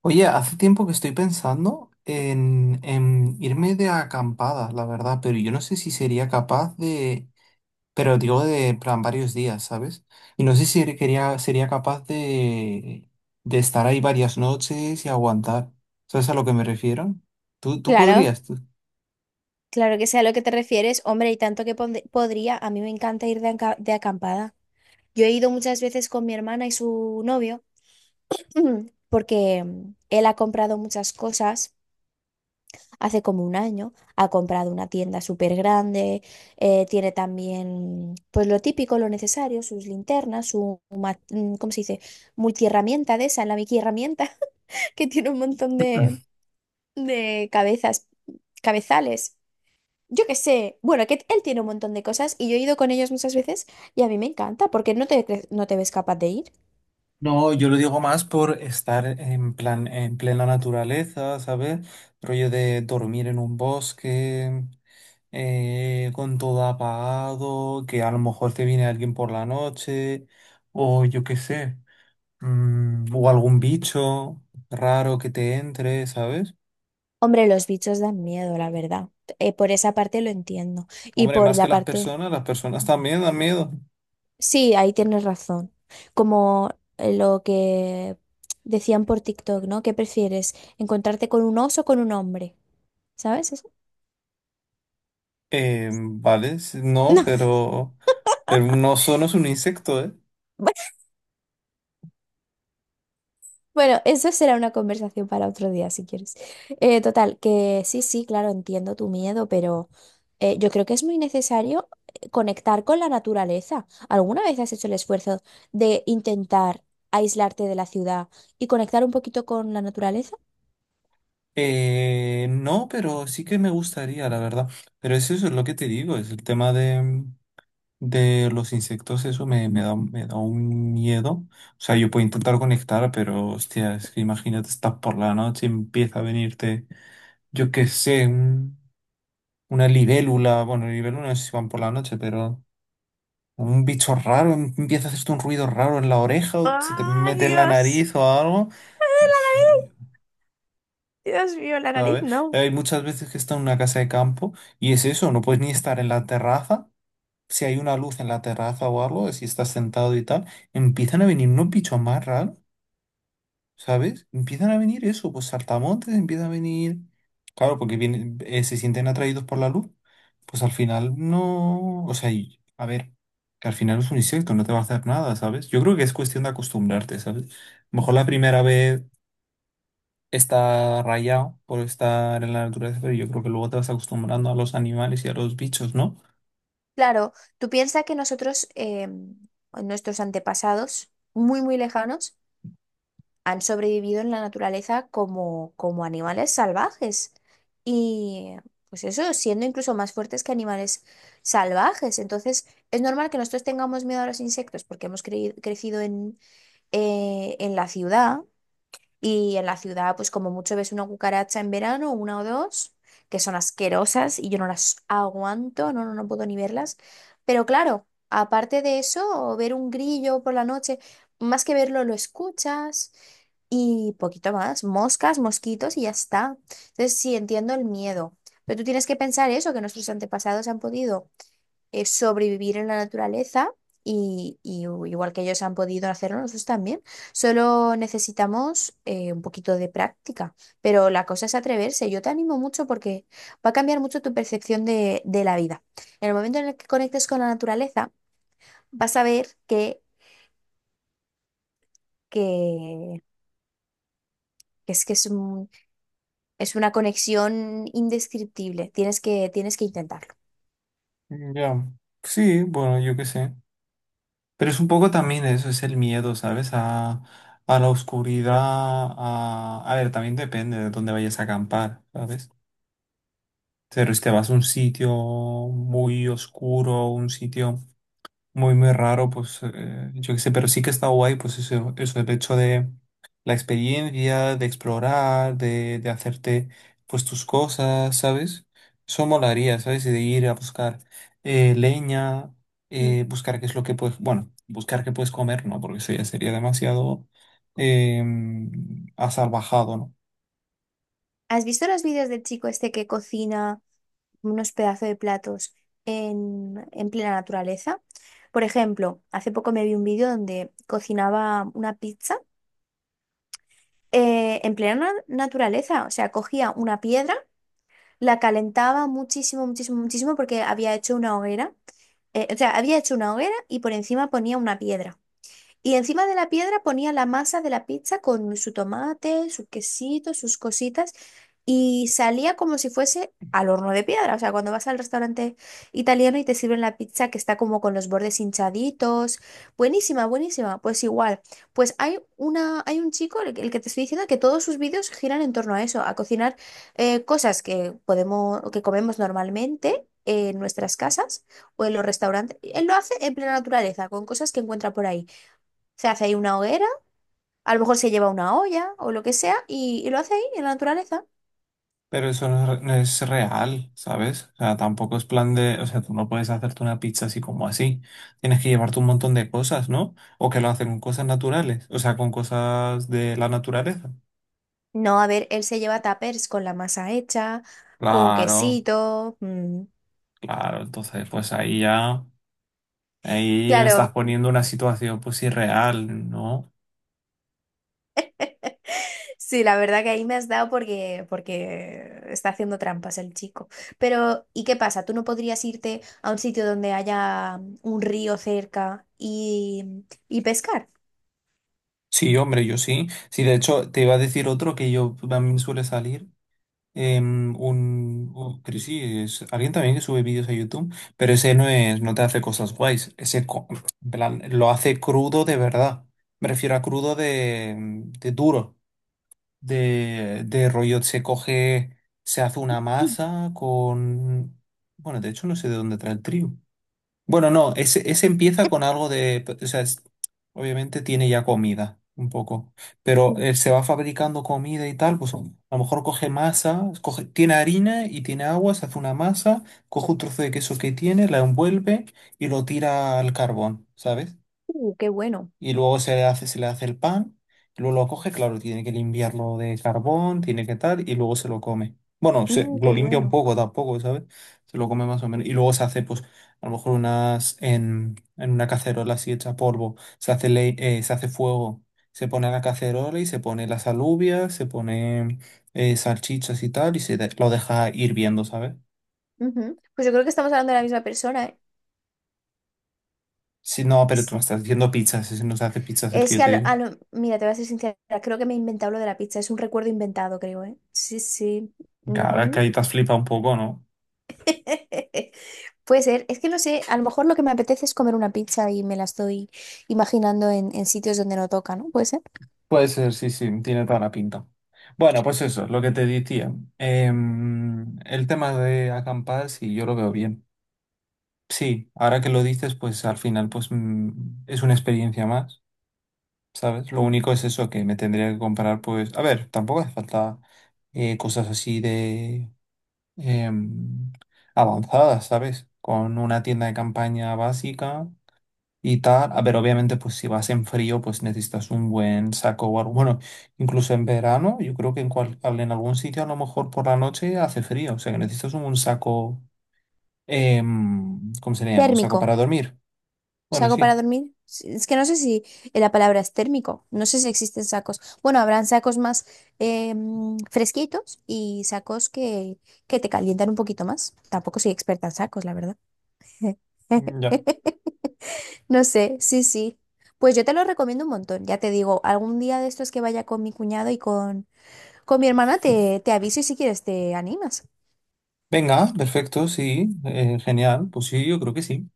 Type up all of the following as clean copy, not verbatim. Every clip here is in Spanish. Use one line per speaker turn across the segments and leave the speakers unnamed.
Oye, hace tiempo que estoy pensando en irme de acampada, la verdad, pero yo no sé si sería capaz de, pero digo de en plan varios días, ¿sabes? Y no sé si quería, sería capaz de estar ahí varias noches y aguantar. ¿Sabes a lo que me refiero? ¿Tú
Claro,
podrías? ¿Tú?
claro que sé a lo que te refieres. Hombre, y tanto que podría, a mí me encanta ir de acampada. Yo he ido muchas veces con mi hermana y su novio, porque él ha comprado muchas cosas hace como un año. Ha comprado una tienda súper grande, tiene también, pues lo típico, lo necesario, sus linternas, ¿cómo se dice? Multiherramienta de esa, la Mickey herramienta, que tiene un montón de cabezas, cabezales. Yo qué sé, bueno, que él tiene un montón de cosas y yo he ido con ellos muchas veces y a mí me encanta porque no te ves capaz de ir.
No, yo lo digo más por estar en plan, en plena naturaleza, ¿sabes? Rollo de dormir en un bosque, con todo apagado, que a lo mejor te viene alguien por la noche, o yo qué sé, o algún bicho raro que te entre, ¿sabes?
Hombre, los bichos dan miedo, la verdad. Por esa parte lo entiendo. Y
Hombre,
por
más que
la parte...
las personas también dan miedo.
Sí, ahí tienes razón. Como lo que decían por TikTok, ¿no? ¿Qué prefieres? ¿Encontrarte con un oso o con un hombre? ¿Sabes eso?
Vale, no, pero un oso no es un insecto, ¿eh?
No. Bueno, eso será una conversación para otro día, si quieres. Total, que sí, sí, claro, entiendo tu miedo, pero yo creo que es muy necesario conectar con la naturaleza. ¿Alguna vez has hecho el esfuerzo de intentar aislarte de la ciudad y conectar un poquito con la naturaleza?
No, pero sí que me gustaría, la verdad. Pero es eso, es lo que te digo, es el tema de los insectos, eso me, me da un miedo. O sea, yo puedo intentar conectar, pero hostia, es que imagínate, estás por la noche y empieza a venirte, yo qué sé, una libélula, bueno, libélula no sé si van por la noche, pero un bicho raro, empieza a hacerte un ruido raro en la oreja o se te
¡Ay,
mete en la
Dios!
nariz o algo. ¿Sabes?
No.
Hay muchas veces que está en una casa de campo y es eso, no puedes ni estar en la terraza. Si hay una luz en la terraza o algo, si estás sentado y tal, empiezan a venir unos bichos más raros, ¿sabes? Empiezan a venir eso, pues saltamontes, empiezan a venir. Claro, porque vienen, se sienten atraídos por la luz, pues al final no. O sea, a ver, que al final es un insecto, no te va a hacer nada, ¿sabes? Yo creo que es cuestión de acostumbrarte, ¿sabes? Mejor la primera vez está rayado por estar en la naturaleza, pero yo creo que luego te vas acostumbrando a los animales y a los bichos, ¿no?
Claro, tú piensas que nosotros, nuestros antepasados, muy, muy lejanos, han sobrevivido en la naturaleza como, como animales salvajes. Y pues eso, siendo incluso más fuertes que animales salvajes. Entonces, es normal que nosotros tengamos miedo a los insectos porque crecido en la ciudad y en la ciudad, pues como mucho ves una cucaracha en verano, una o dos, que son asquerosas y yo no las aguanto, no, no, no puedo ni verlas. Pero claro, aparte de eso, ver un grillo por la noche, más que verlo, lo escuchas y poquito más, moscas, mosquitos y ya está. Entonces, sí, entiendo el miedo, pero tú tienes que pensar eso, que nuestros antepasados han podido sobrevivir en la naturaleza y, igual que ellos han podido hacerlo, nosotros también. Solo necesitamos un poquito de práctica, pero la cosa es atreverse. Yo te animo mucho porque va a cambiar mucho tu percepción de la vida. En el momento en el que conectes con la naturaleza, vas a ver que, que es Es una conexión indescriptible. Tienes que intentarlo.
Ya. Sí, bueno, yo qué sé. Pero es un poco también eso, es el miedo, ¿sabes? A la oscuridad, a... A ver, también depende de dónde vayas a acampar, ¿sabes? Pero si te vas a un sitio muy oscuro, un sitio muy, muy raro, pues yo qué sé, pero sí que está guay, pues eso, el hecho de la experiencia, de explorar, de hacerte pues tus cosas, ¿sabes? Eso molaría, ¿sabes? Y de ir a buscar leña,
Mm.
buscar qué es lo que puedes, bueno, buscar qué puedes comer, ¿no? Porque eso ya sería demasiado eh, asalvajado, ¿no?
¿Has visto los vídeos del chico este que cocina unos pedazos de platos en plena naturaleza? Por ejemplo, hace poco me vi un vídeo donde cocinaba una pizza en naturaleza. O sea, cogía una piedra, la calentaba muchísimo, muchísimo, muchísimo porque había hecho una hoguera. O sea, había hecho una hoguera y por encima ponía una piedra. Y encima de la piedra ponía la masa de la pizza con su tomate, su quesito, sus cositas, y salía como si fuese al horno de piedra. O sea, cuando vas al restaurante italiano y te sirven la pizza que está como con los bordes hinchaditos. Buenísima, buenísima. Pues igual. Pues hay un chico, el que te estoy diciendo, que todos sus vídeos giran en torno a eso, a cocinar cosas que podemos, que comemos normalmente en nuestras casas o en los restaurantes. Él lo hace en plena naturaleza, con cosas que encuentra por ahí. Se hace ahí una hoguera, a lo mejor se lleva una olla o lo que sea y lo hace ahí en la naturaleza.
Pero eso no es, no es real, ¿sabes? O sea, tampoco es plan de, o sea, tú no puedes hacerte una pizza así como así. Tienes que llevarte un montón de cosas, ¿no? O que lo hacen con cosas naturales, o sea, con cosas de la naturaleza.
No, a ver, él se lleva tapers con la masa hecha, con
Claro,
quesito. Mm.
claro, entonces pues ahí ya, ahí me estás
Claro,
poniendo una situación pues irreal, ¿no?
sí, la verdad que ahí me has dado porque, porque está haciendo trampas el chico. Pero, ¿y qué pasa? ¿Tú no podrías irte a un sitio donde haya un río cerca y pescar?
Sí, hombre, yo sí. Sí, de hecho, te iba a decir otro que yo también suele salir. Pero sí, es alguien también que sube vídeos a YouTube, pero ese no es, no te hace cosas guays, en plan, lo hace crudo de verdad. Me refiero a crudo de, de duro, de rollo, se coge, se hace una
Mm,
masa con, bueno, de hecho no sé de dónde trae el trigo, bueno, no, ese empieza con algo de, o sea, obviamente tiene ya comida, un poco, pero
mm,
se va fabricando comida y tal, pues a lo mejor coge masa, coge, tiene harina y tiene agua, se hace una masa, coge un trozo de queso que tiene, la envuelve y lo tira al carbón, ¿sabes?
qué bueno,
Y luego se le hace el pan, y luego lo coge, claro, tiene que limpiarlo de carbón, tiene que tal, y luego se lo come. Bueno, se,
mm,
lo
qué
limpia un
bueno.
poco tampoco, ¿sabes? Se lo come más o menos. Y luego se hace, pues, a lo mejor unas, en una cacerola así hecha polvo, se hace, se hace fuego, se pone la cacerola y se pone las alubias, se pone salchichas y tal, y lo deja hirviendo, ¿sabes?
Ujú. Pues yo creo que estamos hablando de la misma persona, ¿eh?
Si no, pero tú me estás diciendo pizzas, ese no se hace pizzas el que
Es
yo
que,
te digo.
mira, te voy a ser sincera, creo que me he inventado lo de la pizza, es un recuerdo inventado, creo, ¿eh? Sí, sí.
Claro, es que
Ujú.
ahí te has flipado un poco, ¿no?
Puede ser, es que no sé, a lo mejor lo que me apetece es comer una pizza y me la estoy imaginando en sitios donde no toca, ¿no? Puede ser.
Puede ser, sí, sí, tiene toda la pinta. Bueno, pues eso, lo que te decía. El tema de acampar, sí, yo lo veo bien. Sí, ahora que lo dices, pues al final, pues es una experiencia más, ¿sabes? Lo único es eso que me tendría que comprar, pues, a ver, tampoco hace falta cosas así de em, avanzadas, ¿sabes? Con una tienda de campaña básica y tal. A ver, obviamente, pues si vas en frío, pues necesitas un buen saco o algo. Bueno, incluso en verano, yo creo que en, en algún sitio a lo mejor por la noche hace frío. O sea, que necesitas un saco, ¿cómo se le llama? Un saco
Térmico,
para dormir. Bueno,
¿saco para
sí,
dormir? Sí, es que no sé si la palabra es térmico, no sé si existen sacos. Bueno, habrán sacos más fresquitos y sacos que te calientan un poquito más. Tampoco soy experta en sacos, la verdad.
ya.
No sé, sí, sí. Pues yo te lo recomiendo un montón, ya te digo, algún día de estos que vaya con mi cuñado y con mi hermana te, te aviso y si quieres te animas.
Venga, perfecto, sí, genial. Pues sí, yo creo que sí.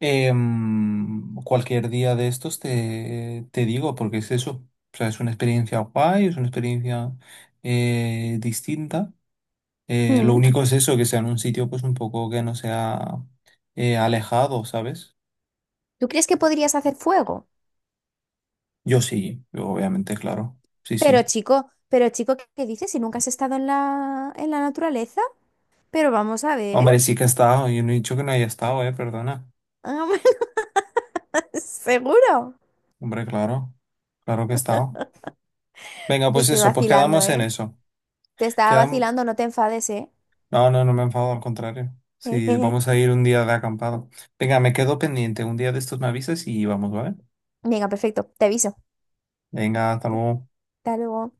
Em, cualquier día de estos te, te digo, porque es eso. O sea, es una experiencia guay, es una experiencia distinta. Lo
Mm.
único es eso, que sea en un sitio pues un poco que no sea alejado, ¿sabes?
¿Tú crees que podrías hacer fuego?
Yo sí, yo obviamente, claro. Sí, sí.
Pero chico, ¿qué dices? Si nunca has estado en la naturaleza, pero vamos a ver.
Hombre, sí que he estado. Yo no he dicho que no haya estado, perdona.
Seguro.
Hombre, claro. Claro que he estado. Venga,
Te
pues
estoy
eso, pues
vacilando,
quedamos en
¿eh?
eso.
Te estaba
Quedam-
vacilando, no te enfades, ¿eh?
No, no, no me enfado, al contrario. Sí, vamos a ir un día de acampado. Venga, me quedo pendiente. Un día de estos me avisas y vamos, ¿vale?
Venga, perfecto, te aviso.
Venga, hasta luego.
Hasta luego.